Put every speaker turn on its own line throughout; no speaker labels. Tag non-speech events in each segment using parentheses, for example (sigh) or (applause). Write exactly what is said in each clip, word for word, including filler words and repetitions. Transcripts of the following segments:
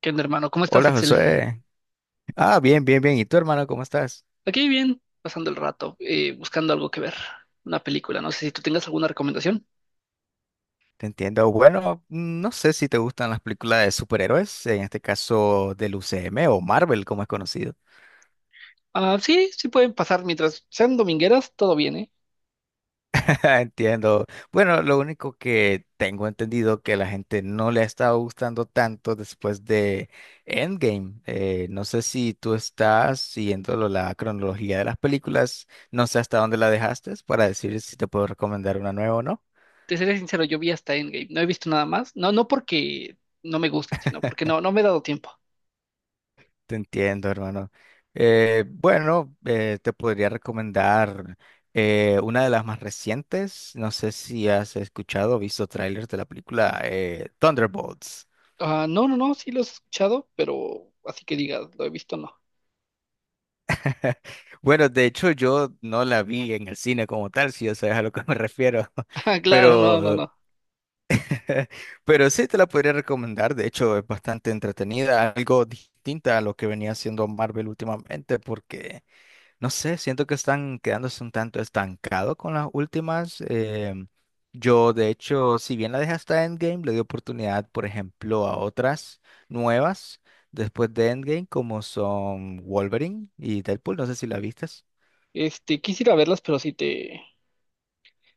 ¿Qué onda, hermano? ¿Cómo estás,
Hola
Axel?
José. Ah, bien, bien, bien. ¿Y tú, hermano, cómo estás?
Aquí bien, pasando el rato, eh, buscando algo que ver, una película. No sé si tú tengas alguna recomendación.
Te entiendo. Bueno, mm, no sé si te gustan las películas de superhéroes, en este caso del U C M o Marvel, como es conocido.
Ah, sí, sí pueden pasar mientras sean domingueras, todo bien, ¿eh?
(laughs) Entiendo. Bueno, lo único que tengo entendido que la gente no le ha estado gustando tanto después de Endgame. Eh, no sé si tú estás siguiendo lo- la cronología de las películas, no sé hasta dónde la dejaste para decir si te puedo recomendar una nueva o no.
Te seré sincero, yo vi hasta Endgame, no he visto nada más. No, no porque no me gusten, sino porque no, no me he dado tiempo.
Te entiendo, hermano. Eh, bueno, eh, te podría recomendar eh, una de las más recientes. No sé si has escuchado o visto trailers de la película eh, Thunderbolts.
Ah, no, no, no, sí los he escuchado, pero así que digas, lo he visto, no.
(laughs) Bueno, de hecho yo no la vi en el cine como tal, si ya sabes a lo que me refiero,
(laughs) Ah,
(laughs)
claro, no, no,
pero,
no.
(laughs) pero sí te la podría recomendar, de hecho es bastante entretenida, algo distinta a lo que venía haciendo Marvel últimamente, porque no sé, siento que están quedándose un tanto estancados con las últimas. Em, yo, de hecho, si bien la dejé hasta Endgame, le di oportunidad, por ejemplo, a otras nuevas después de Endgame, como son Wolverine y Deadpool. No sé si la vistes.
Este, quisiera verlas, pero sí te,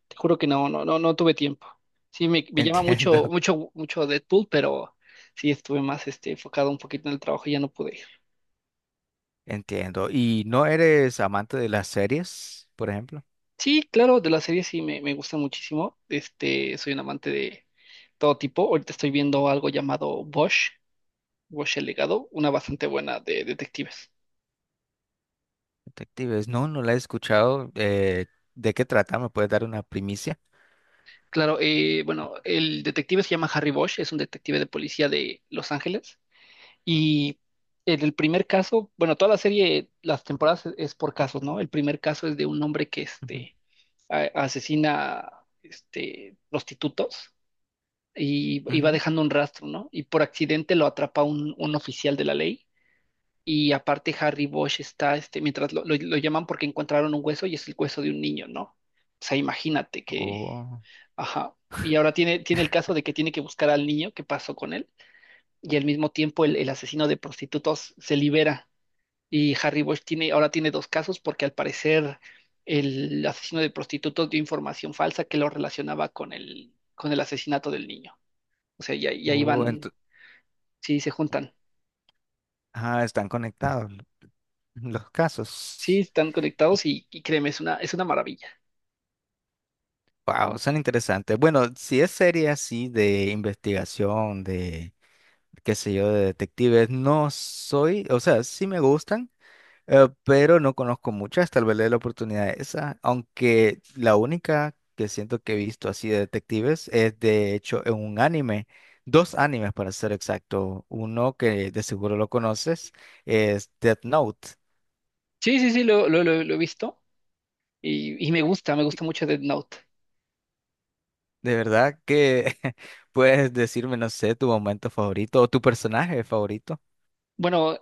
Te juro que no, no, no, no tuve tiempo. Sí, me, me llama
Entiendo,
mucho,
(laughs)
mucho, mucho Deadpool, pero sí estuve más este, enfocado un poquito en el trabajo y ya no pude ir.
entiendo. ¿Y no eres amante de las series, por ejemplo?
Sí, claro, de las series sí me, me gusta muchísimo. Este, soy un amante de todo tipo. Ahorita estoy viendo algo llamado Bosch, Bosch el legado, una bastante buena de detectives.
Detectives, no, no la he escuchado. Eh, ¿de qué trata? ¿Me puedes dar una primicia?
Claro, eh, bueno, el detective se llama Harry Bosch, es un detective de policía de Los Ángeles, y en el primer caso, bueno, toda la serie, las temporadas es es por casos, ¿no? El primer caso es de un hombre que
Ujú,
este, a- asesina este, prostitutos y, y va
ujú.
dejando un rastro, ¿no? Y por accidente lo atrapa un, un oficial de la ley. Y aparte Harry Bosch está, este, mientras lo, lo- lo llaman porque encontraron un hueso y es el hueso de un niño, ¿no? O sea, imagínate que,
Oh,
ajá. Y ahora tiene, tiene el caso de que tiene que buscar al niño, qué pasó con él y al mismo tiempo el, el asesino de prostitutos se libera y Harry Bosch tiene, ahora tiene dos casos porque al parecer el asesino de prostitutos dio información falsa que lo relacionaba con el, con el asesinato del niño. O sea, ya, ya
oh,
iban,
ento-
sí, se juntan.
ah, están conectados. Los
Sí,
casos.
están conectados y, y créeme, es una, es una maravilla.
Wow, son interesantes. Bueno, si es serie así de investigación, de, qué sé yo, de detectives, no soy, o sea, sí me gustan, eh, pero no conozco muchas, tal vez le dé la oportunidad a esa, aunque la única que siento que he visto así de detectives es de hecho en un anime, dos animes para ser exacto, uno que de seguro lo conoces es Death Note.
Sí, sí, sí, lo, lo, lo- lo he visto y, y me gusta, me gusta mucho Death Note.
De verdad que (laughs) puedes decirme, no sé, tu momento favorito o tu personaje favorito.
Bueno,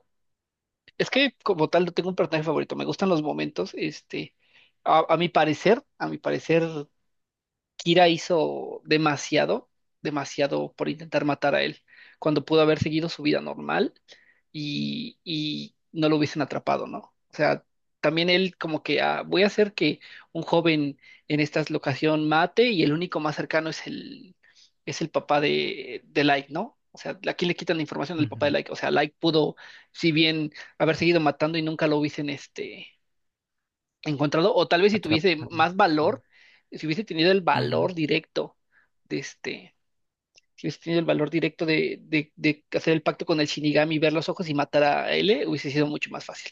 es que como tal no tengo un personaje favorito, me gustan los momentos, este, a, a mi parecer, a mi parecer Kira hizo demasiado, demasiado por intentar matar a él, cuando pudo haber seguido su vida normal y, y no lo hubiesen atrapado, ¿no? O sea, también él como que ah, voy a hacer que un joven en esta locación mate y el único más cercano es el, es el papá de, de Light, ¿no? O sea, ¿a quién le quitan la información del papá de
Ujú,
Light? O sea, Light pudo, si bien haber seguido matando y nunca lo hubiesen este, encontrado, o tal vez si tuviese
Atrapado.
más valor, si hubiese tenido el
Ujú.
valor directo de este, si hubiese tenido el valor directo de, de, de hacer el pacto con el Shinigami, ver los ojos y matar a L, hubiese sido mucho más fácil.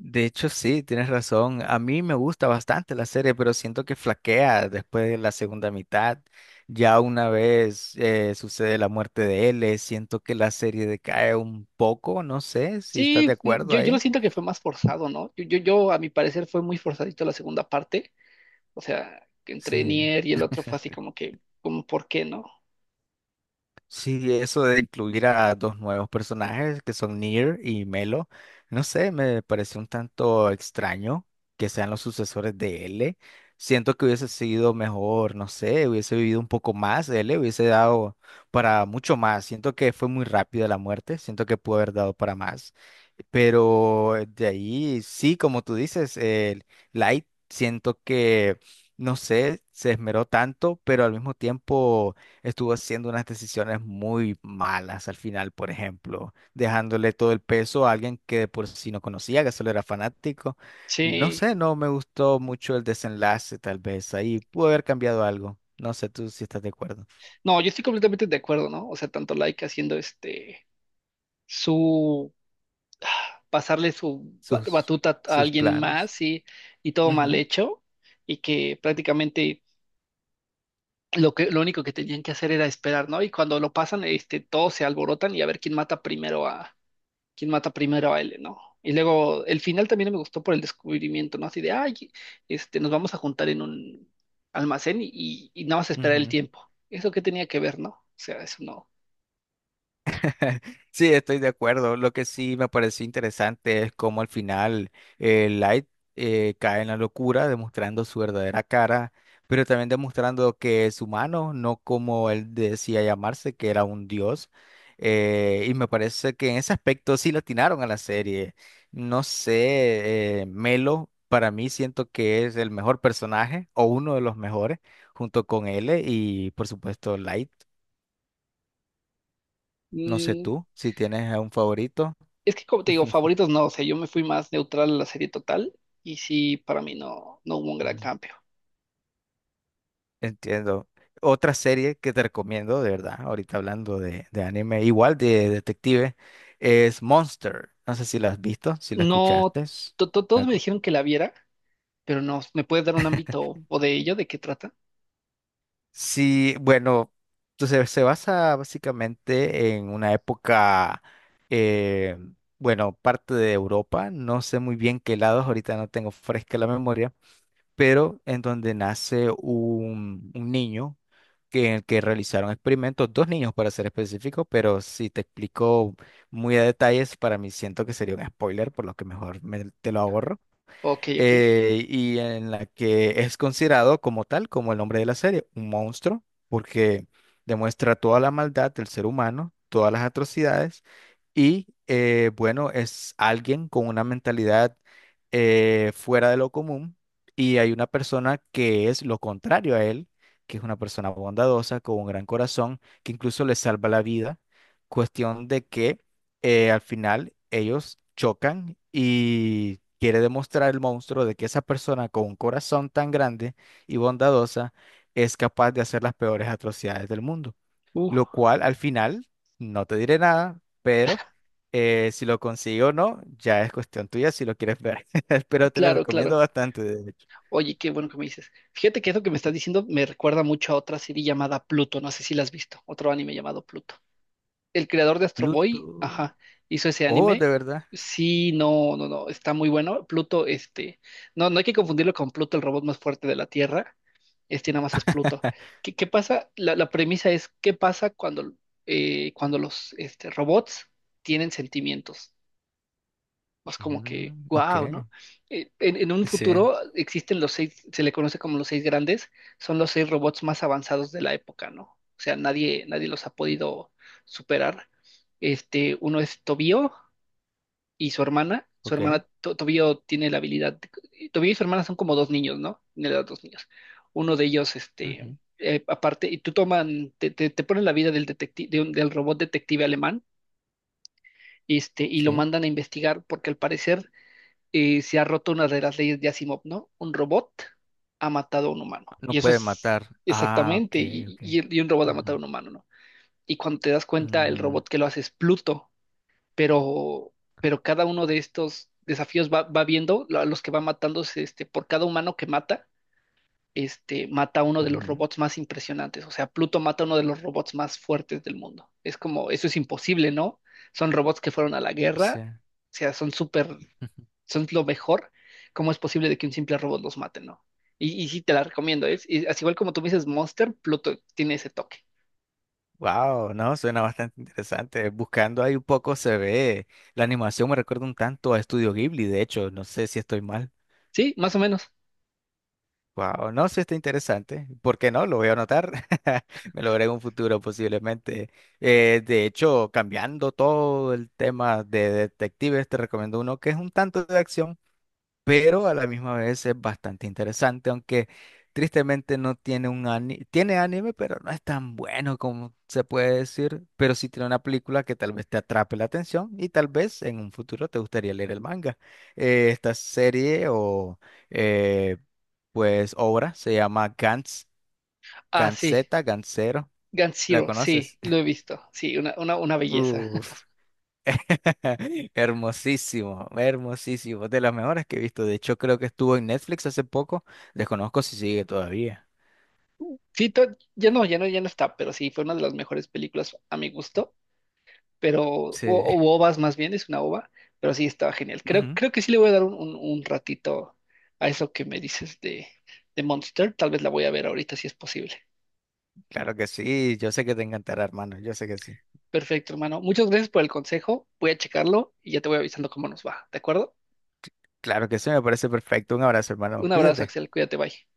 De hecho, sí, tienes razón. A mí me gusta bastante la serie, pero siento que flaquea después de la segunda mitad. Ya una vez eh, sucede la muerte de L, siento que la serie decae un poco, no sé si estás de
Sí, mm,
acuerdo
yo, yo lo
ahí.
siento que fue más forzado, ¿no? Yo, yo, yo, a mi parecer, fue muy forzadito la segunda parte. O sea, que entre
Sí.
Nier y el otro fue así como que, como, ¿por qué no?
Sí, eso de incluir a dos nuevos personajes que son Nier y Melo, no sé, me parece un tanto extraño que sean los sucesores de L. Siento que hubiese sido mejor, no sé, hubiese vivido un poco más, L hubiese dado para mucho más. Siento que fue muy rápida la muerte, siento que pudo haber dado para más. Pero de ahí, sí, como tú dices, el Light, siento que, no sé, se esmeró tanto, pero al mismo tiempo estuvo haciendo unas decisiones muy malas al final, por ejemplo, dejándole todo el peso a alguien que de por sí no conocía, que solo era fanático. No
Sí.
sé, no me gustó mucho el desenlace, tal vez ahí pudo haber cambiado algo. No sé tú si estás de acuerdo.
No, yo estoy completamente de acuerdo, ¿no? O sea, tanto Laika haciendo este su pasarle su ba-
Sus,
batuta a
sus
alguien
planes.
más y, y todo mal
Ujú,
hecho y que prácticamente lo que, lo único que tenían que hacer era esperar, ¿no? Y cuando lo pasan, este, todos se alborotan y a ver quién mata primero a, quién mata primero a él, ¿no? Y luego el final también me gustó por el descubrimiento, ¿no? Así de, ay, este, nos vamos a juntar en un almacén y, y, y nada más esperar el
ujú.
tiempo. ¿Eso qué tenía que ver, no? O sea, eso no.
(laughs) Sí, estoy de acuerdo. Lo que sí me pareció interesante es cómo al final eh, Light eh, cae en la locura, demostrando su verdadera cara, pero también demostrando que es humano, no como él decía llamarse, que era un dios. Eh, y me parece que en ese aspecto sí le atinaron a la serie. No sé, eh, Melo, para mí siento que es el mejor personaje o uno de los mejores, junto con L y por supuesto Light. No sé
Mm,
tú si tienes a un favorito.
es que como
(laughs)
te digo,
Ujú.
favoritos no, o sea, yo me fui más neutral a la serie total y sí, para mí no, no hubo un gran cambio.
Entiendo. Otra serie que te recomiendo, de verdad, ahorita hablando de, de anime, igual de detective, es Monster. No sé si la has visto, si la
No,
escuchaste.
to- to- todos me
Algo.
dijeron que la viera, pero no, ¿me puedes dar un ámbito o de ello, de qué trata?
Sí, bueno, entonces se basa básicamente en una época, eh, bueno, parte de Europa, no sé muy bien qué lados, ahorita no tengo fresca la memoria, pero en donde nace un, un niño que, en el que realizaron experimentos, dos niños para ser específico, pero si te explico muy a detalles, para mí siento que sería un spoiler, por lo que mejor me- te lo ahorro.
Ok, ok.
Eh, y en la que es considerado como tal, como el nombre de la serie, un monstruo, porque demuestra toda la maldad del ser humano, todas las atrocidades, y eh, bueno, es alguien con una mentalidad eh, fuera de lo común, y hay una persona que es lo contrario a él, que es una persona bondadosa, con un gran corazón, que incluso le salva la vida, cuestión de que eh, al final ellos chocan y quiere demostrar el monstruo de que esa persona con un corazón tan grande y bondadosa es capaz de hacer las peores atrocidades del mundo.
Uh,
Lo cual al final, no te diré nada, pero eh, si lo consigo o no, ya es cuestión tuya si lo quieres ver. (laughs) Pero te lo
claro,
recomiendo
claro.
bastante, de hecho.
Oye, qué bueno que me dices. Fíjate que eso que me estás diciendo me recuerda mucho a otra serie llamada Pluto, no sé si la has visto, otro anime llamado Pluto. El creador de Astro Boy,
Pluto.
ajá, hizo ese
Oh, de
anime.
verdad.
Sí, no, no, no, está muy bueno. Pluto, este, no, no hay que confundirlo con Pluto, el robot más fuerte de la Tierra. Este nada más es Pluto.
(laughs)
¿Qué, qué pasa? La, la premisa es, ¿qué pasa cuando, eh, cuando los este, robots tienen sentimientos? Pues como que,
Mm, ok.
wow, ¿no? Eh, En, en un
Sí,
futuro existen los seis, se le conoce como los seis grandes, son los seis robots más avanzados de la época, ¿no? O sea, nadie, nadie los ha podido superar. Este, uno es Tobío y su hermana. Su
ok.
hermana, To- Tobío tiene la habilidad, de- Tobío y su hermana son como dos niños, ¿no? Tiene los dos niños. Uno de ellos, este,
Ujú,
eh, aparte, y tú toman, te, te, te ponen la vida del detective, del robot detective alemán, este, y lo
Sí.
mandan a investigar porque al parecer eh, se ha roto una de las leyes de Asimov, ¿no? Un robot ha matado a un humano.
No
Y eso
puede
es
matar. Ah, ok,
exactamente, y, y-
ok.
y un robot ha matado a
Ujú.
un humano, ¿no? Y cuando te das cuenta, el
Mm,
robot que lo hace es Pluto, pero, pero cada uno de estos desafíos va, va viendo lo- a los que va matándose, este, por cada humano que mata, este, mata a uno de los
ujú,
robots más impresionantes. O sea, Pluto mata a uno de los robots más fuertes del mundo. Es como, eso es imposible, ¿no? Son robots que fueron a la
Sí.
guerra, o sea, son súper,
(laughs)
son lo mejor. ¿Cómo es posible de que un simple robot los mate, no? Y, y sí, te la recomiendo. Es, y así igual como tú me dices Monster, Pluto tiene ese toque.
Wow, no, suena bastante interesante. Buscando ahí un poco se ve. La animación me recuerda un tanto a Estudio Ghibli, de hecho, no sé si estoy mal.
¿Sí? Más o menos.
Wow, no, sí está interesante. ¿Por qué no? Lo voy a anotar. (laughs) Me lo veré en un futuro posiblemente. Eh, de hecho, cambiando todo el tema de detectives, te recomiendo uno que es un tanto de acción. Pero a la misma vez es bastante interesante, aunque tristemente no tiene un anime, tiene anime, pero no es tan bueno como se puede decir, pero sí tiene una película que tal vez te atrape la atención y tal vez en un futuro te gustaría leer el manga. Eh, esta serie o eh, pues obra se llama Gantz,
Ah, sí.
Gantzeta, Gantzero,
Gun
¿la
Zero, sí,
conoces?
lo he
(laughs)
visto. Sí, una, una, una belleza. (laughs)
Uf, (laughs) hermosísimo, hermosísimo. De las mejores que he visto. De hecho, creo que estuvo en Netflix hace poco. Desconozco si sigue todavía.
Sí, to- ya no, ya no, ya no está, pero sí, fue una de las mejores películas a mi gusto. Pero, o,
Sí.
o ovas más bien, es una ova, pero sí estaba genial. Creo,
Ujú.
creo que sí le voy a dar un, un- un ratito a eso que me dices de, de Monster, tal vez la voy a ver ahorita si es posible.
Claro que sí. Yo sé que te encantará, hermano. Yo sé que sí.
Perfecto, hermano. Muchas gracias por el consejo, voy a checarlo y ya te voy avisando cómo nos va, ¿de acuerdo?
Claro que sí, me parece perfecto. Un abrazo, hermano.
Un abrazo,
Cuídate.
Axel, cuídate, bye.